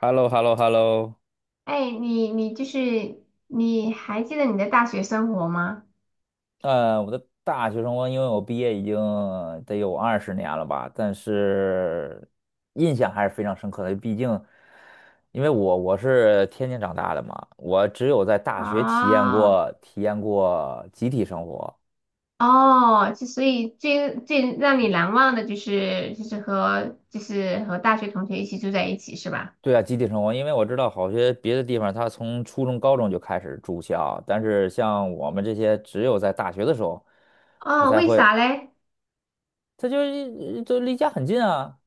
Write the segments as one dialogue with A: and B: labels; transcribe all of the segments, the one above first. A: h e l l o h e l l o h e l l o。
B: 哎，你你就是你还记得你的大学生活吗？
A: 我的大学生活，因为我毕业已经得有20年了吧，但是印象还是非常深刻的。毕竟，因为我是天津长大的嘛，我只有在大学体验
B: 哦
A: 过体验过集体生活。
B: 哦，就所以最让你难忘的就是就是和就是和大学同学一起住在一起是吧？
A: 对啊，集体生活，因为我知道好些别的地方，他从初中、高中就开始住校，但是像我们这些，只有在大学的时候，他
B: 哦，
A: 才
B: 为
A: 会，
B: 啥嘞？
A: 他就离家很近啊。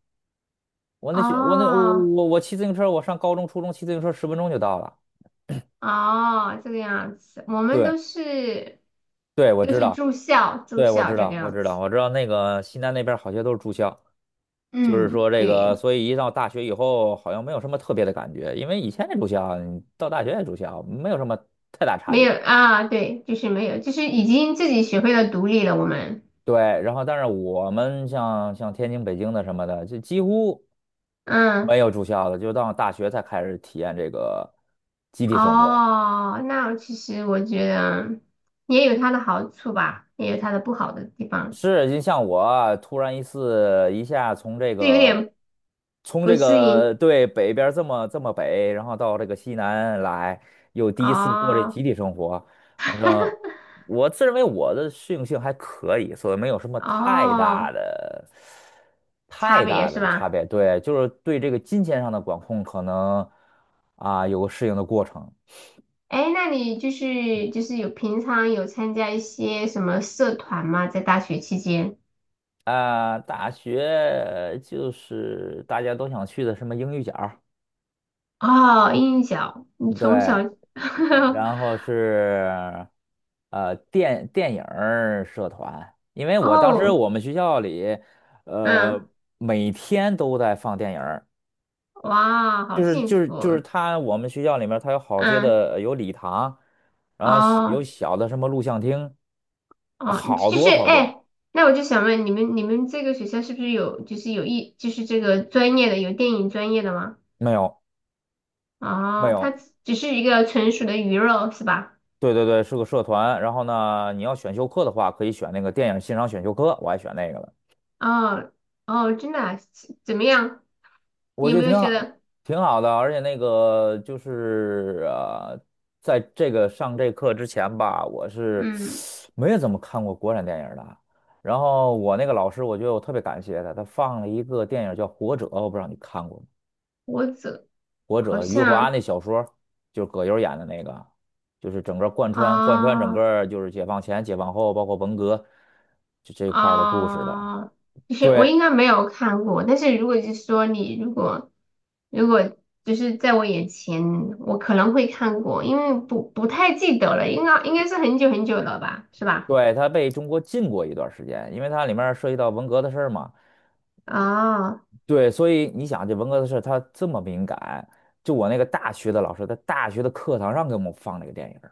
A: 我那学我那我
B: 哦
A: 我我骑自行车，我上高中、初中骑自行车10分钟就到了。
B: 哦，这个样子，我们
A: 对
B: 都是
A: 对，我
B: 都
A: 知
B: 是
A: 道，
B: 住校住
A: 对，我
B: 校
A: 知
B: 这个
A: 道，我
B: 样
A: 知
B: 子。
A: 道，我知道那个西南那边好些都是住校，就是
B: 嗯，
A: 说这个，
B: 对，
A: 所以一到大学以后，好像没有什么特别的感觉，因为以前也住校，你到大学也住校，没有什么太大差
B: 没有
A: 别。
B: 啊，对，就是没有，就是已经自己学会了独立了，我们。
A: 对，然后但是我们像天津、北京的什么的，就几乎
B: 嗯。
A: 没有住校的，就到大学才开始体验这个集体生活。
B: 哦，那其实我觉得也有它的好处吧，也有它的不好的地方，
A: 是，就像我啊突然一次一下从这
B: 就有
A: 个，
B: 点
A: 从
B: 不
A: 这
B: 适
A: 个
B: 应。
A: 对北边儿这么北，然后到这个西南来，又第一次过这集
B: 哦
A: 体生活，反正我自认为我的适应性还可以，所以没有什么太大
B: 哦，
A: 的
B: 差
A: 太
B: 别
A: 大
B: 是
A: 的差
B: 吧？
A: 别。对，就是对这个金钱上的管控可能啊有个适应的过程
B: 哎，那你就是平常有参加一些什么社团吗？在大学期间？
A: 啊。大学就是大家都想去的什么英语角。
B: 哦，音小，你从小，
A: 对，然后是电影儿社团，因为我当时
B: 哦，
A: 我们学校里，
B: 嗯，
A: 呃每天都在放电影儿，
B: 哇，
A: 就
B: 好
A: 是
B: 幸
A: 就是
B: 福
A: 就
B: 啊，
A: 是他我们学校里面他有好些
B: 嗯，
A: 的有礼堂，然后小有
B: 哦。
A: 小的什么录像厅，
B: 哦，
A: 好
B: 就是
A: 多好多，
B: 哎，那我就想问你们，你们这个学校是不是有就是有一就是这个专业的有电影专业的吗？
A: 没有没
B: 哦，它
A: 有，
B: 只是一个纯属的鱼肉是吧？
A: 对对对，是个社团，然后呢你要选修课的话可以选那个电影欣赏选修课，我还选那个了。
B: 哦哦，真的啊怎么样？你
A: 我
B: 有
A: 觉得
B: 没有
A: 挺
B: 觉
A: 好，
B: 得
A: 挺好的，而且那个就是在这个上这课之前吧，我是
B: 嗯，
A: 没有怎么看过国产电影的。然后我那个老师，我觉得我特别感谢他，他放了一个电影叫《活着》，我不知道你看过吗？
B: 我怎
A: 《活
B: 好
A: 着》，余华
B: 像
A: 那小说，就是葛优演的那个，就是整个贯穿整
B: 啊？哦
A: 个就是解放前、解放后，包括文革就这一块儿的故事的。
B: 啊，就是我
A: 对
B: 应该没有看过，但是如果就是说你如果就是在我眼前，我可能会看过，因为不太记得了，应该是很久很久了吧，是吧？
A: 对，他被中国禁过一段时间，因为它里面涉及到文革的事儿嘛。
B: 啊，
A: 对，所以你想，这文革的事儿他这么敏感，就我那个大学的老师，在大学的课堂上给我们放这个电影儿。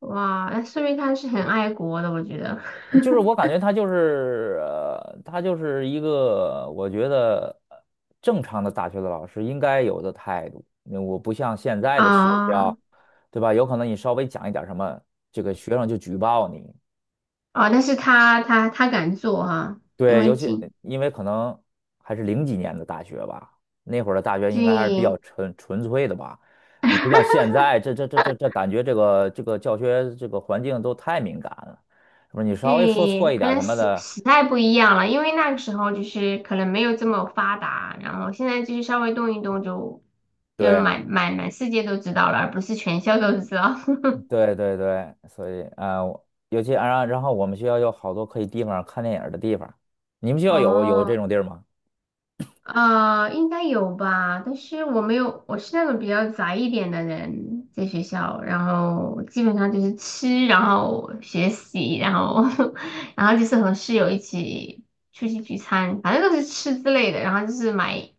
B: 哇，那说明他是很爱国的，我觉得。
A: 就是我感 觉他就是，他就是一个我觉得正常的大学的老师应该有的态度。那我不像现在的学校，
B: 啊
A: 对吧？有可能你稍微讲一点儿什么，这个学生就举报你，
B: 啊，但是他敢做哈、因
A: 对，尤
B: 为
A: 其
B: 近
A: 因为可能还是零几年的大学吧，那会儿的大学应该还是比较
B: 对
A: 纯纯粹的吧。你不像现在，这感觉这个教学这个环境都太敏感了，是不是？你稍微说错
B: 对，
A: 一
B: 可
A: 点儿
B: 能
A: 什么
B: 时
A: 的，
B: 时代不一样了，因为那个时候就是可能没有这么发达，然后现在就是稍微动一动就
A: 对
B: 满世界都知道了，而不是全校都知道。
A: 对对对，所以啊、尤其啊，然后我们学校有好多可以地方看电影儿的地方，你们学 校有有这
B: 哦，
A: 种地儿吗？
B: 应该有吧，但是我没有，我是那种比较宅一点的人，在学校，然后基本上就是吃，然后学习，然后 然后就是和室友一起出去聚餐，反正都是吃之类的，然后就是买，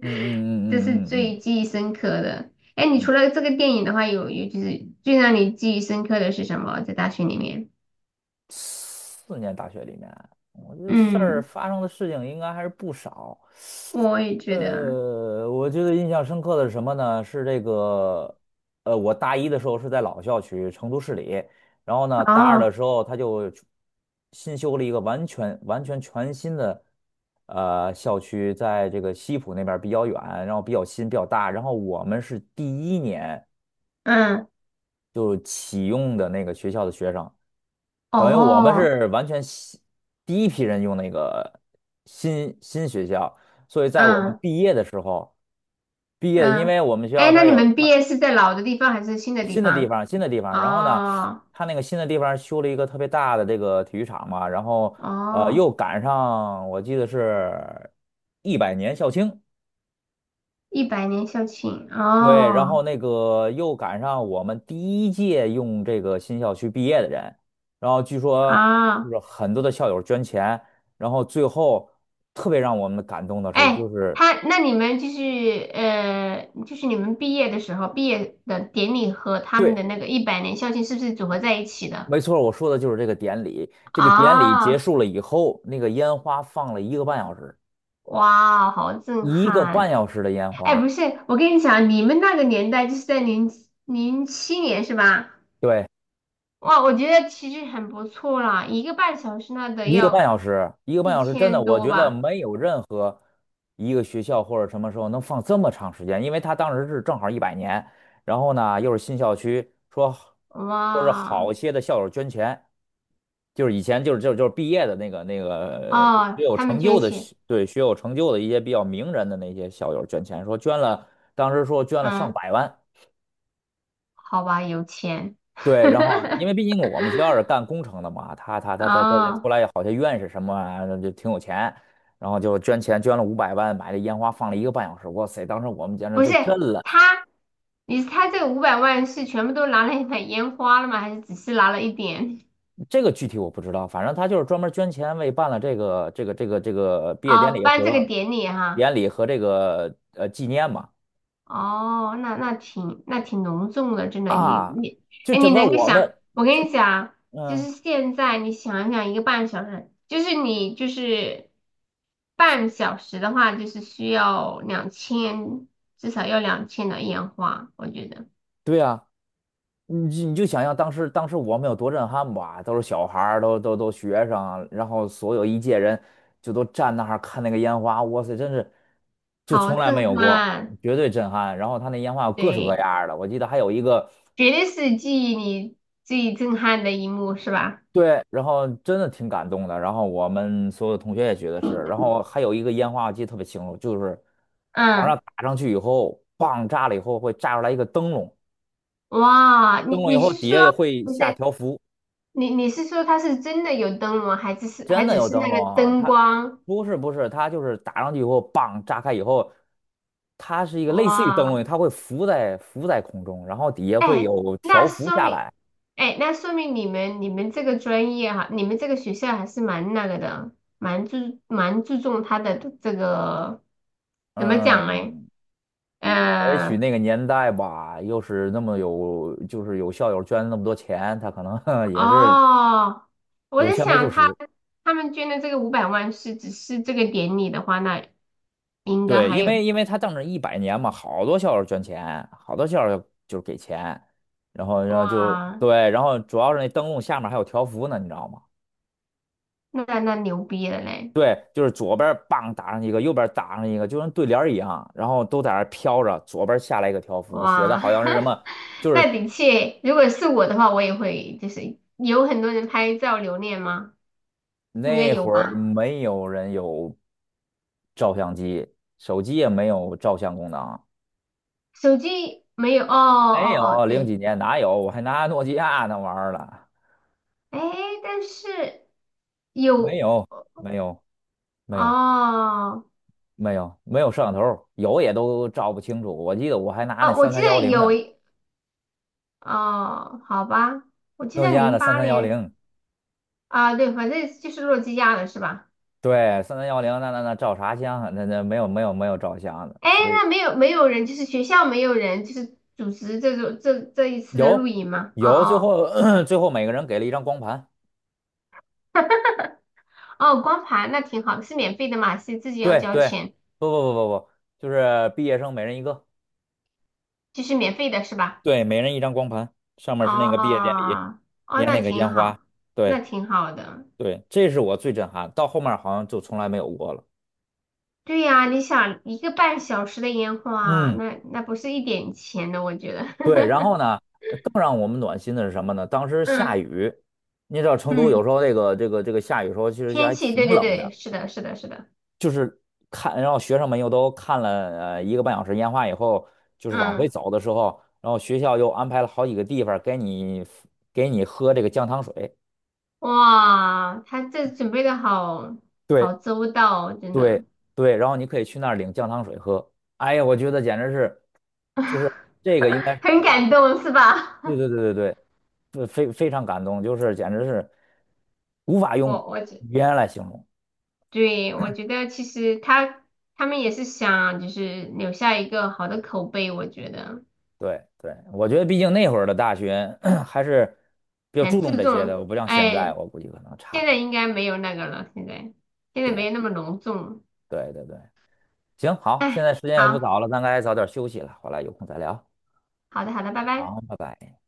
A: 嗯
B: 这是
A: 嗯嗯嗯嗯
B: 最记忆深刻的。哎，你
A: 嗯
B: 除
A: 嗯。
B: 了这个电影的话，就是最让你记忆深刻的是什么？在大学里面？
A: 4年大学里面，我觉得事儿
B: 嗯，
A: 发生的事情应该还是不少。
B: 我也觉得，
A: 我觉得印象深刻的是什么呢？是这个，我大一的时候是在老校区，成都市里，然后呢，大二的
B: 哦，
A: 时候他就新修了一个完全全新的校区，在这个西浦那边儿比较远，然后比较新比较大，然后我们是第一年
B: 嗯，
A: 就启用的那个学校的学生，等于我们
B: 哦，
A: 是完全新第一批人用那个新学校，所以在我们
B: 嗯。
A: 毕业的时候。毕业的，因
B: 嗯，
A: 为我们学校
B: 哎，那
A: 它
B: 你
A: 有
B: 们毕
A: 它
B: 业是在老的地方还是新的地
A: 新的地
B: 方？
A: 方，新的地方，然后呢，
B: 哦
A: 它那个新的地方修了一个特别大的这个体育场嘛，然后
B: 哦，
A: 又赶上我记得是一百年校庆，
B: 一百年校庆
A: 对，然
B: 哦
A: 后那个又赶上我们第一届用这个新校区毕业的人，然后据说就
B: 啊，
A: 是很多的校友捐钱，然后最后特别让我们感动的是，就
B: 哎，
A: 是。
B: 那你们就是就是你们毕业的时候，毕业的典礼和他们的
A: 对。
B: 那个一百年校庆是不是组合在一起的？
A: 没错，我说的就是这个典礼。这个典礼结
B: 啊，
A: 束了以后，那个烟花放了一个半小时，
B: 哇哦，好震
A: 一个半
B: 撼！
A: 小时的烟
B: 哎，不
A: 花。
B: 是，我跟你讲，你们那个年代就是在2007年是吧？
A: 对，
B: 哇，我觉得其实很不错啦，一个半小时那得
A: 一个半
B: 要
A: 小时，一个半
B: 一
A: 小时，真的，
B: 千
A: 我
B: 多
A: 觉得
B: 吧？
A: 没有任何一个学校或者什么时候能放这么长时间，因为他当时是正好一百年，然后呢又是新校区，说是
B: 哇，
A: 好些的校友捐钱，就是以前毕业的那个
B: 哦，他们捐钱，
A: 学有成就的一些比较名人的那些校友捐钱，说捐了，当时说捐了上
B: 嗯，
A: 百万。
B: 好吧，有钱，
A: 对，然后因为毕竟 我们学校是干工程的嘛，他出
B: 哦，
A: 来好像院士什么啊就挺有钱，然后就捐了500万买了烟花放了一个半小时，哇塞，当时我们简直
B: 不
A: 就
B: 是
A: 震了。
B: 他，他这个五百万是全部都拿来买烟花了吗？还是只是拿了一点？
A: 这个具体我不知道，反正他就是专门捐钱为办了这个毕业典
B: 哦，
A: 礼
B: 办这个
A: 和
B: 典礼哈、
A: 这个纪念嘛
B: 哦，那挺隆重的，真的。你
A: 啊，
B: 你，
A: 就
B: 哎，你
A: 整个
B: 能够
A: 我
B: 想，
A: 们
B: 我
A: 就
B: 跟你讲，就
A: 嗯、
B: 是现在你想一想，一个半小时，就是你半小时的话，就是需要两千，至少要两千的烟花，我觉得
A: 对呀、你就想象当时我们有多震撼吧，都是小孩儿，都学生，然后所有一届人就都站那儿看那个烟花，哇塞，真是就
B: 好
A: 从来没
B: 震
A: 有过，
B: 撼，
A: 绝对震撼。然后他那烟花有各式各
B: 对，
A: 样儿的，我记得还有一个
B: 绝对是记忆里最震撼的一幕，是吧？
A: 对，然后真的挺感动的。然后我们所有同学也觉得是，然后还有一个烟花我记得特别清楚，就是往
B: 嗯，
A: 上打上去以后，棒炸了以后会炸出来一个灯笼，
B: 哇，你
A: 灯笼以
B: 你
A: 后
B: 是
A: 底
B: 说
A: 下也会
B: 不是？
A: 下条幅。
B: 你是说他是真的有灯笼，
A: 真
B: 还
A: 的
B: 只
A: 有
B: 是
A: 灯
B: 那个
A: 笼啊，
B: 灯
A: 它
B: 光？
A: 不是，它就是打上去以后，棒炸开以后，它是一个类似于灯
B: 哇，
A: 笼，它会浮在空中，然后底下会
B: 哎，
A: 有
B: 那
A: 条幅
B: 说
A: 下
B: 明，
A: 来。
B: 哎，那说明你们这个专业哈，你们这个学校还是蛮那个的，蛮注重他的这个怎么讲嘞？
A: 嗯，也许
B: 呃，
A: 那个年代吧，又是那么有，就是有校友捐那么多钱，他可能 也是
B: 哦，我
A: 有
B: 在
A: 钱没处
B: 想他
A: 使。
B: 他们捐的这个五百万是只是这个典礼的话，那应该
A: 对，
B: 还
A: 因
B: 有
A: 为因为他当着一百年嘛，好多校友捐钱，好多校友就是给钱，然后就
B: 哇，
A: 对，然后主要是那灯笼下面还有条幅呢，你知道吗？
B: 那牛逼了嘞！
A: 对，就是左边儿棒打上一个，右边儿打上一个，就跟对联儿一样，然后都在那儿飘着。左边儿下来一个条幅，写的
B: 哇，
A: 好像是什么，就
B: 那
A: 是
B: 的确，如果是我的话，我也会，就是有很多人拍照留念吗？应该
A: 那
B: 有
A: 会儿
B: 吧。
A: 没有人有照相机，手机也没有照相功能，
B: 手机没有，哦哦
A: 没
B: 哦，
A: 有，零
B: 对，
A: 几年哪有？我还拿诺基亚那玩意儿了，
B: 哎，但是
A: 没
B: 有，
A: 有，没有，没有，
B: 哦
A: 没有，没有摄像头，有也都照不清楚。我记得我还拿那
B: 哦，我
A: 三
B: 记
A: 三幺
B: 得
A: 零
B: 有
A: 呢，
B: 一哦，好吧，我记
A: 诺基
B: 得
A: 亚
B: 零
A: 的三
B: 八
A: 三幺
B: 年
A: 零。
B: 啊，对，反正就是诺基亚的是吧？
A: 对，三三幺零，那那那照啥相啊？那那没有没有没有照相的，
B: 哎，
A: 所以
B: 那没有人，就是学校没有人，就是组织这种这一次的录
A: 有
B: 营吗？哦
A: 有，最
B: 哦。
A: 后 最后每个人给了一张光盘。
B: 哦，光盘那挺好的，是免费的嘛？是自己要
A: 对
B: 交
A: 对，
B: 钱，
A: 不不不不不，就是毕业生每人一个，
B: 就是免费的是吧？
A: 对，每人一张光盘，上面是那
B: 哦，
A: 个毕业典礼，
B: 哦，
A: 连
B: 那
A: 那个
B: 挺
A: 烟花。
B: 好，那
A: 对
B: 挺好的。
A: 对，这是我最震撼，到后面好像就从来没有过了。
B: 对呀，你想一个半小时的烟花，
A: 嗯，
B: 那不是一点钱的，我觉得。
A: 对，然后 呢，呃更让我们暖心的是什么呢？当时下
B: 嗯
A: 雨，你知道成都有
B: 嗯，
A: 时候这个下雨时候其实就
B: 天
A: 还
B: 气，
A: 挺
B: 对对
A: 冷
B: 对，
A: 的。
B: 是的，是的，是的。
A: 是看，然后学生们又都看了一个半小时烟花以后，就是往回
B: 嗯，
A: 走的时候，然后学校又安排了好几个地方给你给你喝这个姜糖水，
B: 哇，他这准备的好好
A: 对
B: 周到哦，真
A: 对
B: 的，
A: 对，然后你可以去那儿领姜糖水喝。哎呀，我觉得简直是，就是这个应该是
B: 很
A: 我大学，
B: 感动是吧？
A: 对对对对对，非常感动，就是简直是无法 用
B: 我。
A: 语言来形容。
B: 对，我觉得其实他们也是想就是留下一个好的口碑，我觉得
A: 对对，我觉得毕竟那会儿的大学 还是比较注
B: 很
A: 重
B: 注
A: 这些的，
B: 重。
A: 我不像现在，
B: 哎，
A: 我估计可能
B: 现
A: 差。
B: 在应该没有那个了，现在没有那
A: 对
B: 么隆重。
A: 对对对，行，好，现
B: 哎，
A: 在时间也不
B: 好
A: 早了，咱该早点休息了，回来有空再聊。
B: 好的好的，拜拜。
A: 好，拜拜。